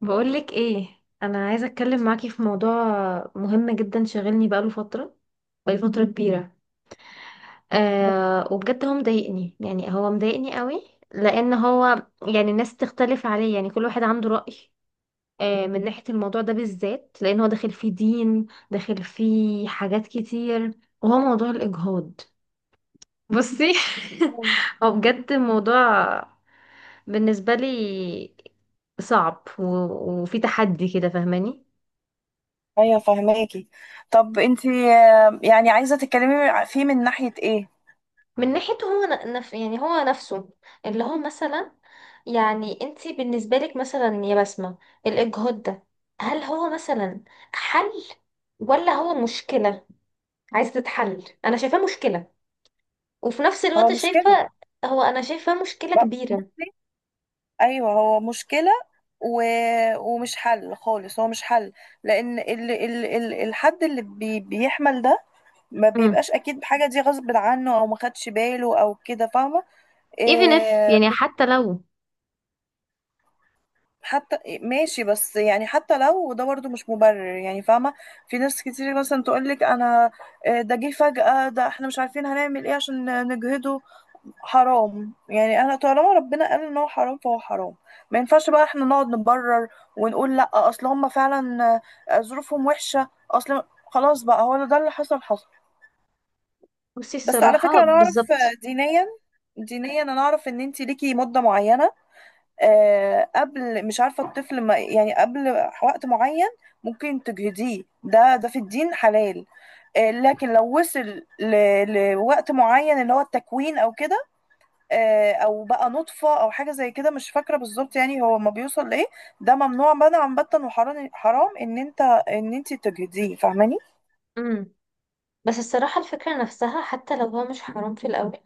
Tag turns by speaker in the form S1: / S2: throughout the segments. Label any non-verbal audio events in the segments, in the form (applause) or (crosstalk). S1: بقولك ايه. انا عايزه اتكلم معاكي في موضوع مهم جدا شاغلني بقاله فتره كبيره. آه، وبجد هو مضايقني قوي. لان هو يعني الناس تختلف عليه، يعني كل واحد عنده رأي. من ناحيه الموضوع ده بالذات، لان هو داخل فيه دين، داخل فيه حاجات كتير، وهو موضوع الاجهاض. بصي. (laughs) هو بجد موضوع بالنسبه لي صعب وفي تحدي كده، فاهماني؟
S2: ايوه فهماكي. طب انت يعني عايزه تتكلمي فيه من ناحيه ايه؟
S1: من ناحيته هو ن- نف يعني هو نفسه، اللي هو مثلا، يعني انت بالنسبة لك مثلا يا بسمة، الإجهاض ده، هل هو مثلا حل، ولا هو مشكلة عايزة تتحل؟ أنا شايفاه مشكلة، وفي نفس
S2: هو
S1: الوقت شايفة
S2: مشكله.
S1: هو أنا شايفاه مشكلة
S2: لا
S1: كبيرة.
S2: بصي، ايوه هو مشكله و... ومش حل خالص، هو مش حل، لان الحد اللي بيحمل ده ما
S1: امم.
S2: بيبقاش اكيد بحاجه دي غصب عنه او ما خدش باله او كده، فاهمه؟
S1: even if،
S2: إيه...
S1: يعني حتى لو.
S2: حتى ماشي، بس يعني حتى لو ده برضه مش مبرر، يعني فاهمة. في ناس كتير مثلا تقولك أنا ده جه فجأة، ده احنا مش عارفين هنعمل ايه عشان نجهده. حرام، يعني أنا طالما ربنا قال إن هو حرام فهو حرام. ما ينفعش بقى احنا نقعد نبرر ونقول لأ أصل هما فعلا ظروفهم وحشة، أصل خلاص بقى هو ده اللي حصل حصل.
S1: بصي
S2: بس على
S1: الصراحة
S2: فكرة أنا أعرف،
S1: بالظبط.
S2: دينيا دينيا أنا أعرف إن أنتي ليكي مدة معينة، قبل مش عارفة الطفل ما يعني قبل وقت معين ممكن تجهضيه. ده ده في الدين حلال، لكن لو وصل لوقت معين اللي هو التكوين او كده، او بقى نطفة او حاجة زي كده، مش فاكرة بالظبط يعني هو ما بيوصل لايه، ده ممنوع منعا باتا وحرام حرام ان انت ان انت تجهضيه. فاهماني؟
S1: امم. بس الصراحة الفكرة نفسها، حتى لو هو مش حرام في الأول،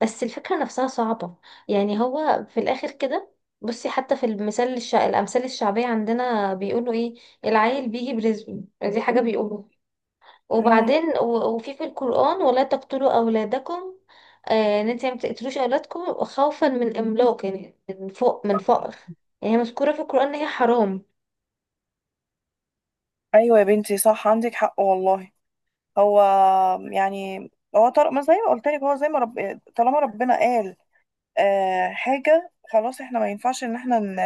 S1: بس الفكرة نفسها صعبة. يعني هو في الآخر كده، بصي، حتى في الأمثال الشعبية عندنا بيقولوا إيه؟ العيل بيجي برزقه، دي حاجة بيقولوا.
S2: مم.
S1: وبعدين وفي القرآن، ولا تقتلوا أولادكم. إن أنت ما تقتلوش أولادكم خوفا من إملاق، يعني من فوق، من فقر. يعني هي مذكورة في القرآن إن هي حرام.
S2: ايوه يا بنتي صح، عندك حق والله. هو يعني هو طارق ما زي ما قلت لك، هو زي ما طالما ربنا قال حاجة خلاص، احنا ما ينفعش ان احنا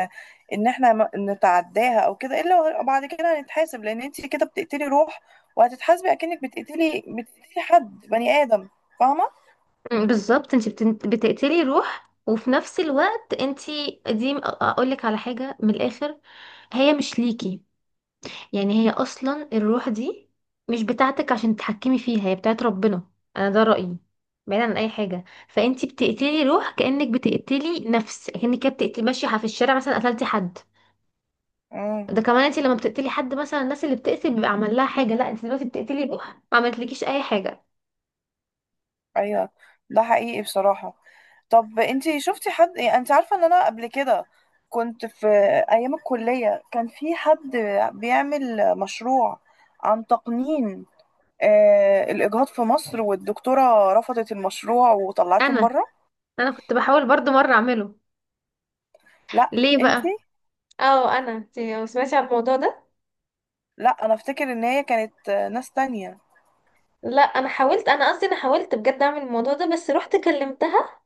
S2: ان احنا نتعداها او كده، الا بعد كده هنتحاسب، لان انت كده بتقتلي روح وهتتحاسبي اكنك بتقتلي حد بني ادم. فاهمة؟
S1: أمم، بالظبط. انت بتقتلي روح، وفي نفس الوقت انت، دي اقول لك على حاجه من الاخر، هي مش ليكي. يعني هي اصلا الروح دي مش بتاعتك عشان تتحكمي فيها، هي بتاعت ربنا. انا ده رأيي. بعيدا عن اي حاجه، فانتي بتقتلي روح، كأنك بتقتلي نفس، كأنك كده بتقتلي ماشيه في الشارع مثلا قتلتي حد.
S2: امم.
S1: ده كمان انتي لما بتقتلي حد مثلا، الناس اللي بتقتل بيبقى عمل لها حاجه، لا انتي دلوقتي بتقتلي روح ما عملتلكيش اي حاجه.
S2: ايوه، ده حقيقي بصراحة. طب انت شفتي حد؟ يعني انت عارفة ان انا قبل كده كنت في ايام الكلية كان في حد بيعمل مشروع عن تقنين الإجهاض في مصر، والدكتورة رفضت المشروع وطلعتهم
S1: انا
S2: بره.
S1: انا كنت بحاول برضو مره اعمله.
S2: لا.
S1: ليه
S2: انتي.
S1: بقى؟ اه، انتي ما سمعتي عن الموضوع ده؟
S2: لا انا افتكر ان هي كانت ناس تانية.
S1: لا انا حاولت، انا قصدي انا حاولت بجد اعمل الموضوع ده، بس رحت كلمتها،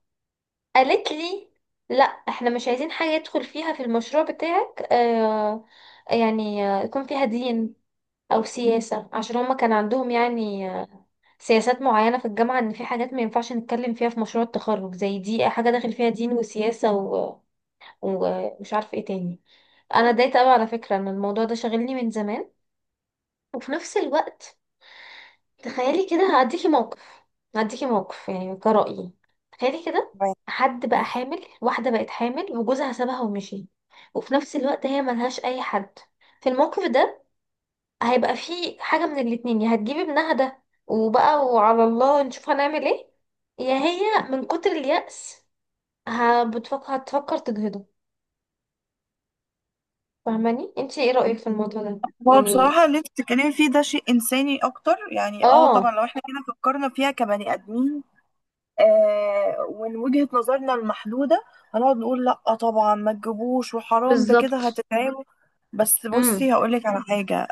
S1: قالت لي لا احنا مش عايزين حاجة يدخل فيها في المشروع بتاعك. آه، يعني يكون فيها دين او سياسة، عشان هما كان عندهم يعني سياسات معينة في الجامعة، ان في حاجات ما ينفعش نتكلم فيها في مشروع التخرج زي دي، حاجة داخل فيها دين وسياسة ومش عارف ايه تاني. انا اتضايقت قوي على فكرة ان الموضوع ده شاغلني من زمان. وفي نفس الوقت، تخيلي كده، هديكي موقف يعني كرأيي. تخيلي كده، حد بقى حامل واحدة بقت حامل وجوزها سابها ومشي، وفي نفس الوقت هي ملهاش أي حد. في الموقف ده هيبقى فيه حاجة من الاتنين، يا هتجيبي ابنها ده وبقى وعلى الله نشوف هنعمل ايه، يا هي من كتر اليأس ه- بتفكر هتفكر تجهضه. فاهماني؟ انتي ايه رأيك في الموضوع ده؟
S2: هو
S1: يعني،
S2: بصراحة اللي انت بتتكلمي فيه ده شيء إنساني أكتر، يعني اه
S1: اه،
S2: طبعا لو احنا كده فكرنا فيها كبني آدمين آه ومن وجهة نظرنا المحدودة هنقعد نقول لأ طبعا ما تجيبوش وحرام، ده كده
S1: بالظبط.
S2: هتتعبوا. بس بصي
S1: امم.
S2: هقولك على حاجة،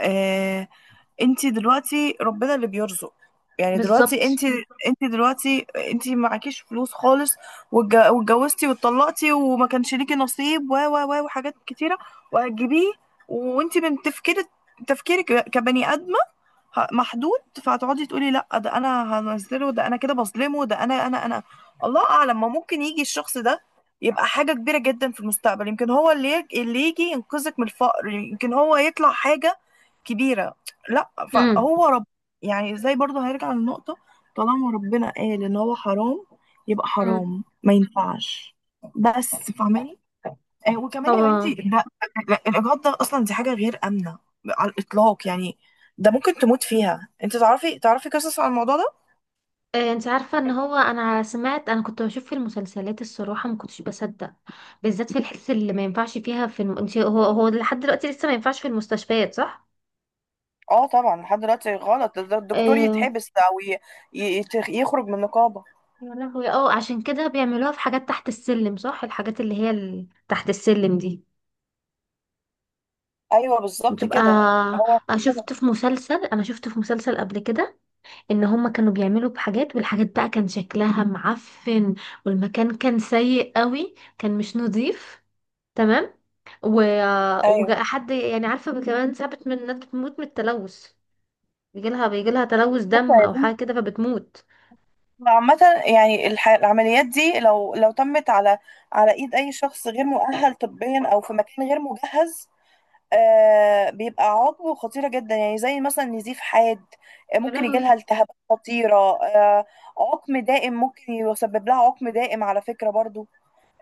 S2: آه، انت دلوقتي ربنا اللي بيرزق، يعني دلوقتي
S1: بالظبط.
S2: انت، انت دلوقتي انت معكيش فلوس خالص واتجوزتي واتطلقتي وما كانش ليكي نصيب و وحاجات كتيره وهتجيبيه، وانت من تفكيرك تفكيرك كبني ادمه محدود، فهتقعدي تقولي لا ده انا هنزله، ده انا كده بظلمه، ده انا. الله اعلم، ما ممكن يجي الشخص ده يبقى حاجة كبيرة جدا في المستقبل، يمكن هو اللي اللي يجي ينقذك من الفقر، يمكن هو يطلع حاجة كبيرة. لا
S1: امم.
S2: فهو رب، يعني زي برضه هيرجع للنقطة، طالما ربنا قال ان هو حرام يبقى
S1: امم.
S2: حرام، ما ينفعش. بس فاهماني؟ وكمان يا
S1: هو،
S2: بنتي لا، لا، الاجهاض ده اصلا دي حاجه غير امنه على الاطلاق، يعني ده ممكن تموت فيها. انت تعرفي تعرفي قصص عن الموضوع ده؟
S1: انت عارفة ان هو، انا سمعت، انا كنت بشوف في المسلسلات الصراحة ما كنتش بصدق. بالذات في الحس اللي ما ينفعش فيها في الم... انت هو لحد دلوقتي لسه ما ينفعش في المستشفيات، صح؟
S2: اه طبعا، لحد دلوقتي غلط، ده ده الدكتور
S1: اه.
S2: يتحبس او يخرج من النقابة.
S1: يا لهوي، اه عشان كده بيعملوها في حاجات تحت السلم، صح؟ الحاجات اللي هي، ال... تحت السلم دي
S2: ايوه بالظبط
S1: بتبقى.
S2: كده هو
S1: انا
S2: كده.
S1: شفت في مسلسل انا شفت في مسلسل قبل كده، ان هما كانوا بيعملوا بحاجات، والحاجات بقى كان شكلها معفن، والمكان كان سيء قوي، كان مش نظيف. تمام. و...
S2: ايوه.
S1: وحد، يعني عارفة، كمان ساعات من الناس بتموت من التلوث، بيجيلها تلوث
S2: ايوه
S1: دم
S2: يا
S1: أو
S2: بنتي.
S1: حاجة كده فبتموت.
S2: عامة يعني العمليات دي لو لو تمت على على ايد اي شخص غير مؤهل طبيا او في مكان غير مجهز، آه بيبقى عضو خطيرة جدا، يعني زي مثلا نزيف حاد،
S1: يا
S2: ممكن يجيلها
S1: لهوي.
S2: التهابات خطيرة، آه عقم دائم، ممكن يسبب لها عقم دائم على فكرة برضو،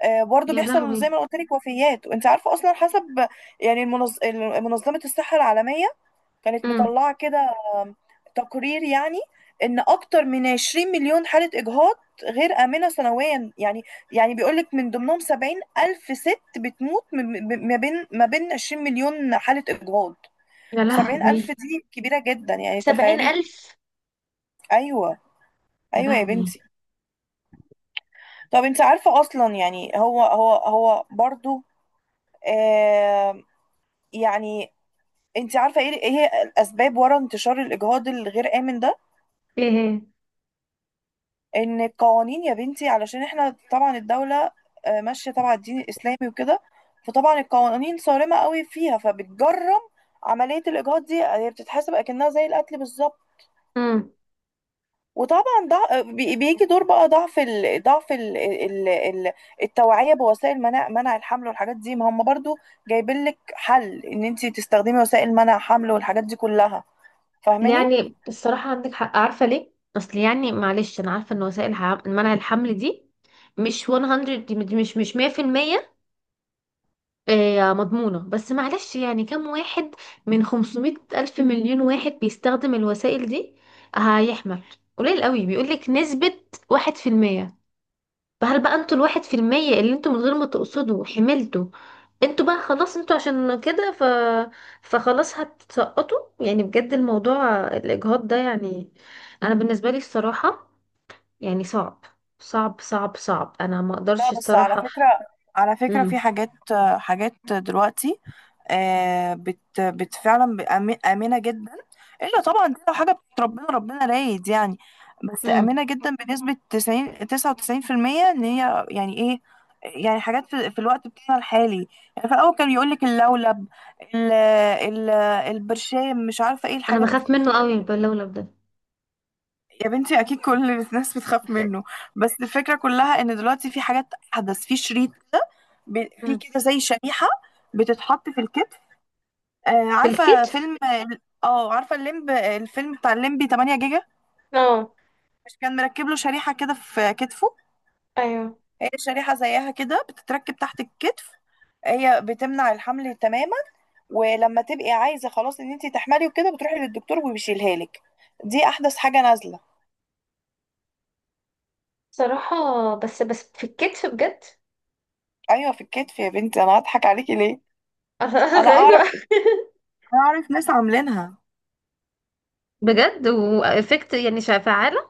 S2: آه برضو
S1: يا
S2: بيحصل زي
S1: لهوي.
S2: ما قلت لك وفيات. وانت عارفة اصلا حسب يعني منظمة الصحة العالمية كانت
S1: امم.
S2: مطلعة كده تقرير يعني ان اكتر من 20 مليون حالة اجهاض غير آمنة سنويا، يعني يعني بيقولك من ضمنهم 70 الف ست بتموت ما بين ما بين 20 مليون حالة اجهاض.
S1: يا
S2: 70 الف
S1: لهوي.
S2: دي كبيرة جدا، يعني
S1: سبعين
S2: تخيلي.
S1: ألف
S2: ايوه.
S1: يا
S2: ايوه يا
S1: لهوي.
S2: بنتي. طب انت عارفة اصلا يعني هو هو هو برضو آه يعني انت عارفة ايه ايه هي الاسباب ورا انتشار الاجهاض الغير آمن ده؟
S1: ايه؟
S2: ان القوانين يا بنتي، علشان احنا طبعا الدولة ماشية طبعا الدين الاسلامي وكده، فطبعا القوانين صارمة قوي فيها، فبتجرم عملية الاجهاض دي، هي بتتحسب اكنها زي القتل بالظبط.
S1: امم.
S2: وطبعا بيجي دور بقى ضعف التوعية بوسائل منع الحمل والحاجات دي. ما هم برضو جايبين لك حل ان انت تستخدمي وسائل منع حمل والحاجات دي كلها، فاهماني؟
S1: يعني الصراحة عندك حق، عارفة ليه؟ أصل يعني معلش، أنا عارفة إن وسائل منع الحمل دي مش 100، دي مش 100%، آه، مضمونة. بس معلش، يعني كم واحد من 500 ألف مليون واحد بيستخدم الوسائل دي هيحمل؟ قليل قوي، بيقولك نسبة 1%. فهل بقى انتوا ال 1% اللي انتوا من غير ما تقصدوا حملتوا، انتوا بقى خلاص، انتوا عشان كده فخلاص هتسقطوا؟ يعني بجد، الموضوع الإجهاض ده يعني، أنا بالنسبة لي الصراحة يعني صعب، صعب صعب صعب، أنا ما
S2: لا
S1: أقدرش
S2: بس على
S1: الصراحة.
S2: فكرة، على فكرة
S1: مم.
S2: في حاجات، حاجات دلوقتي آه، بت بت فعلا آمنة جدا، إلا طبعا دي لو حاجة بتاعت ربنا، ربنا رايد يعني. بس
S1: مم.
S2: آمنة جدا بنسبة تسعين تسعة وتسعين في المية، إن هي يعني إيه، يعني حاجات في، في الوقت بتاعنا الحالي. يعني في الأول كان يقولك اللولب، ال ال البرشام، مش عارفة إيه
S1: أنا
S2: الحاجات
S1: بخاف
S2: دي.
S1: منه قوي، باللولب ده.
S2: يا بنتي اكيد كل الناس بتخاف منه، بس الفكره كلها ان دلوقتي في حاجات احدث، في شريط كده، في كده زي شريحه بتتحط في الكتف. آه عارفه
S1: بالكتف؟
S2: فيلم، اه عارفه الفيلم بتاع الليمبي 8 جيجا،
S1: اه.
S2: مش كان مركب له شريحه كده في كتفه؟
S1: ايوه،
S2: هي شريحه زيها كده بتتركب تحت الكتف، هي بتمنع الحمل تماما، ولما تبقي عايزه خلاص ان انت تحملي وكده بتروحي للدكتور وبيشيلها لك. دي احدث حاجه نازله.
S1: صراحة. بس بس في الكتف بجد. (laughs)
S2: ايوه في الكتف يا بنتي، انا هضحك عليكي ليه؟
S1: انا
S2: انا اعرف
S1: غريبة.
S2: انا اعرف ناس عاملينها.
S1: بجد وافكت يعني فعالة؟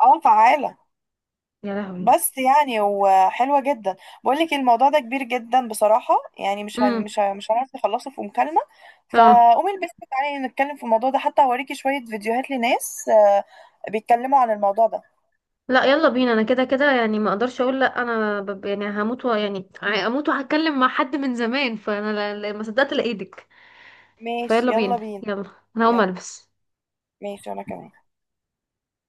S2: اه فعالة،
S1: يا لهوي.
S2: بس يعني وحلوة جدا. بقول لك الموضوع ده كبير جدا بصراحة، يعني
S1: امم.
S2: مش هنعرف نخلصه في مكالمة.
S1: اه.
S2: فقومي البسي تعالي نتكلم في الموضوع ده، حتى اوريكي شوية فيديوهات لناس بيتكلموا عن الموضوع ده.
S1: لا، يلا بينا، انا كده كده يعني ما اقدرش اقول لا، انا ب... يعني هموت و... يعني هموت وهتكلم مع حد من زمان، فانا ما صدقت لقيتك.
S2: ماشي
S1: فيلا بينا،
S2: يلا بينا.
S1: يلا، انا هقوم
S2: يلا.
S1: البس.
S2: ماشي انا كمان.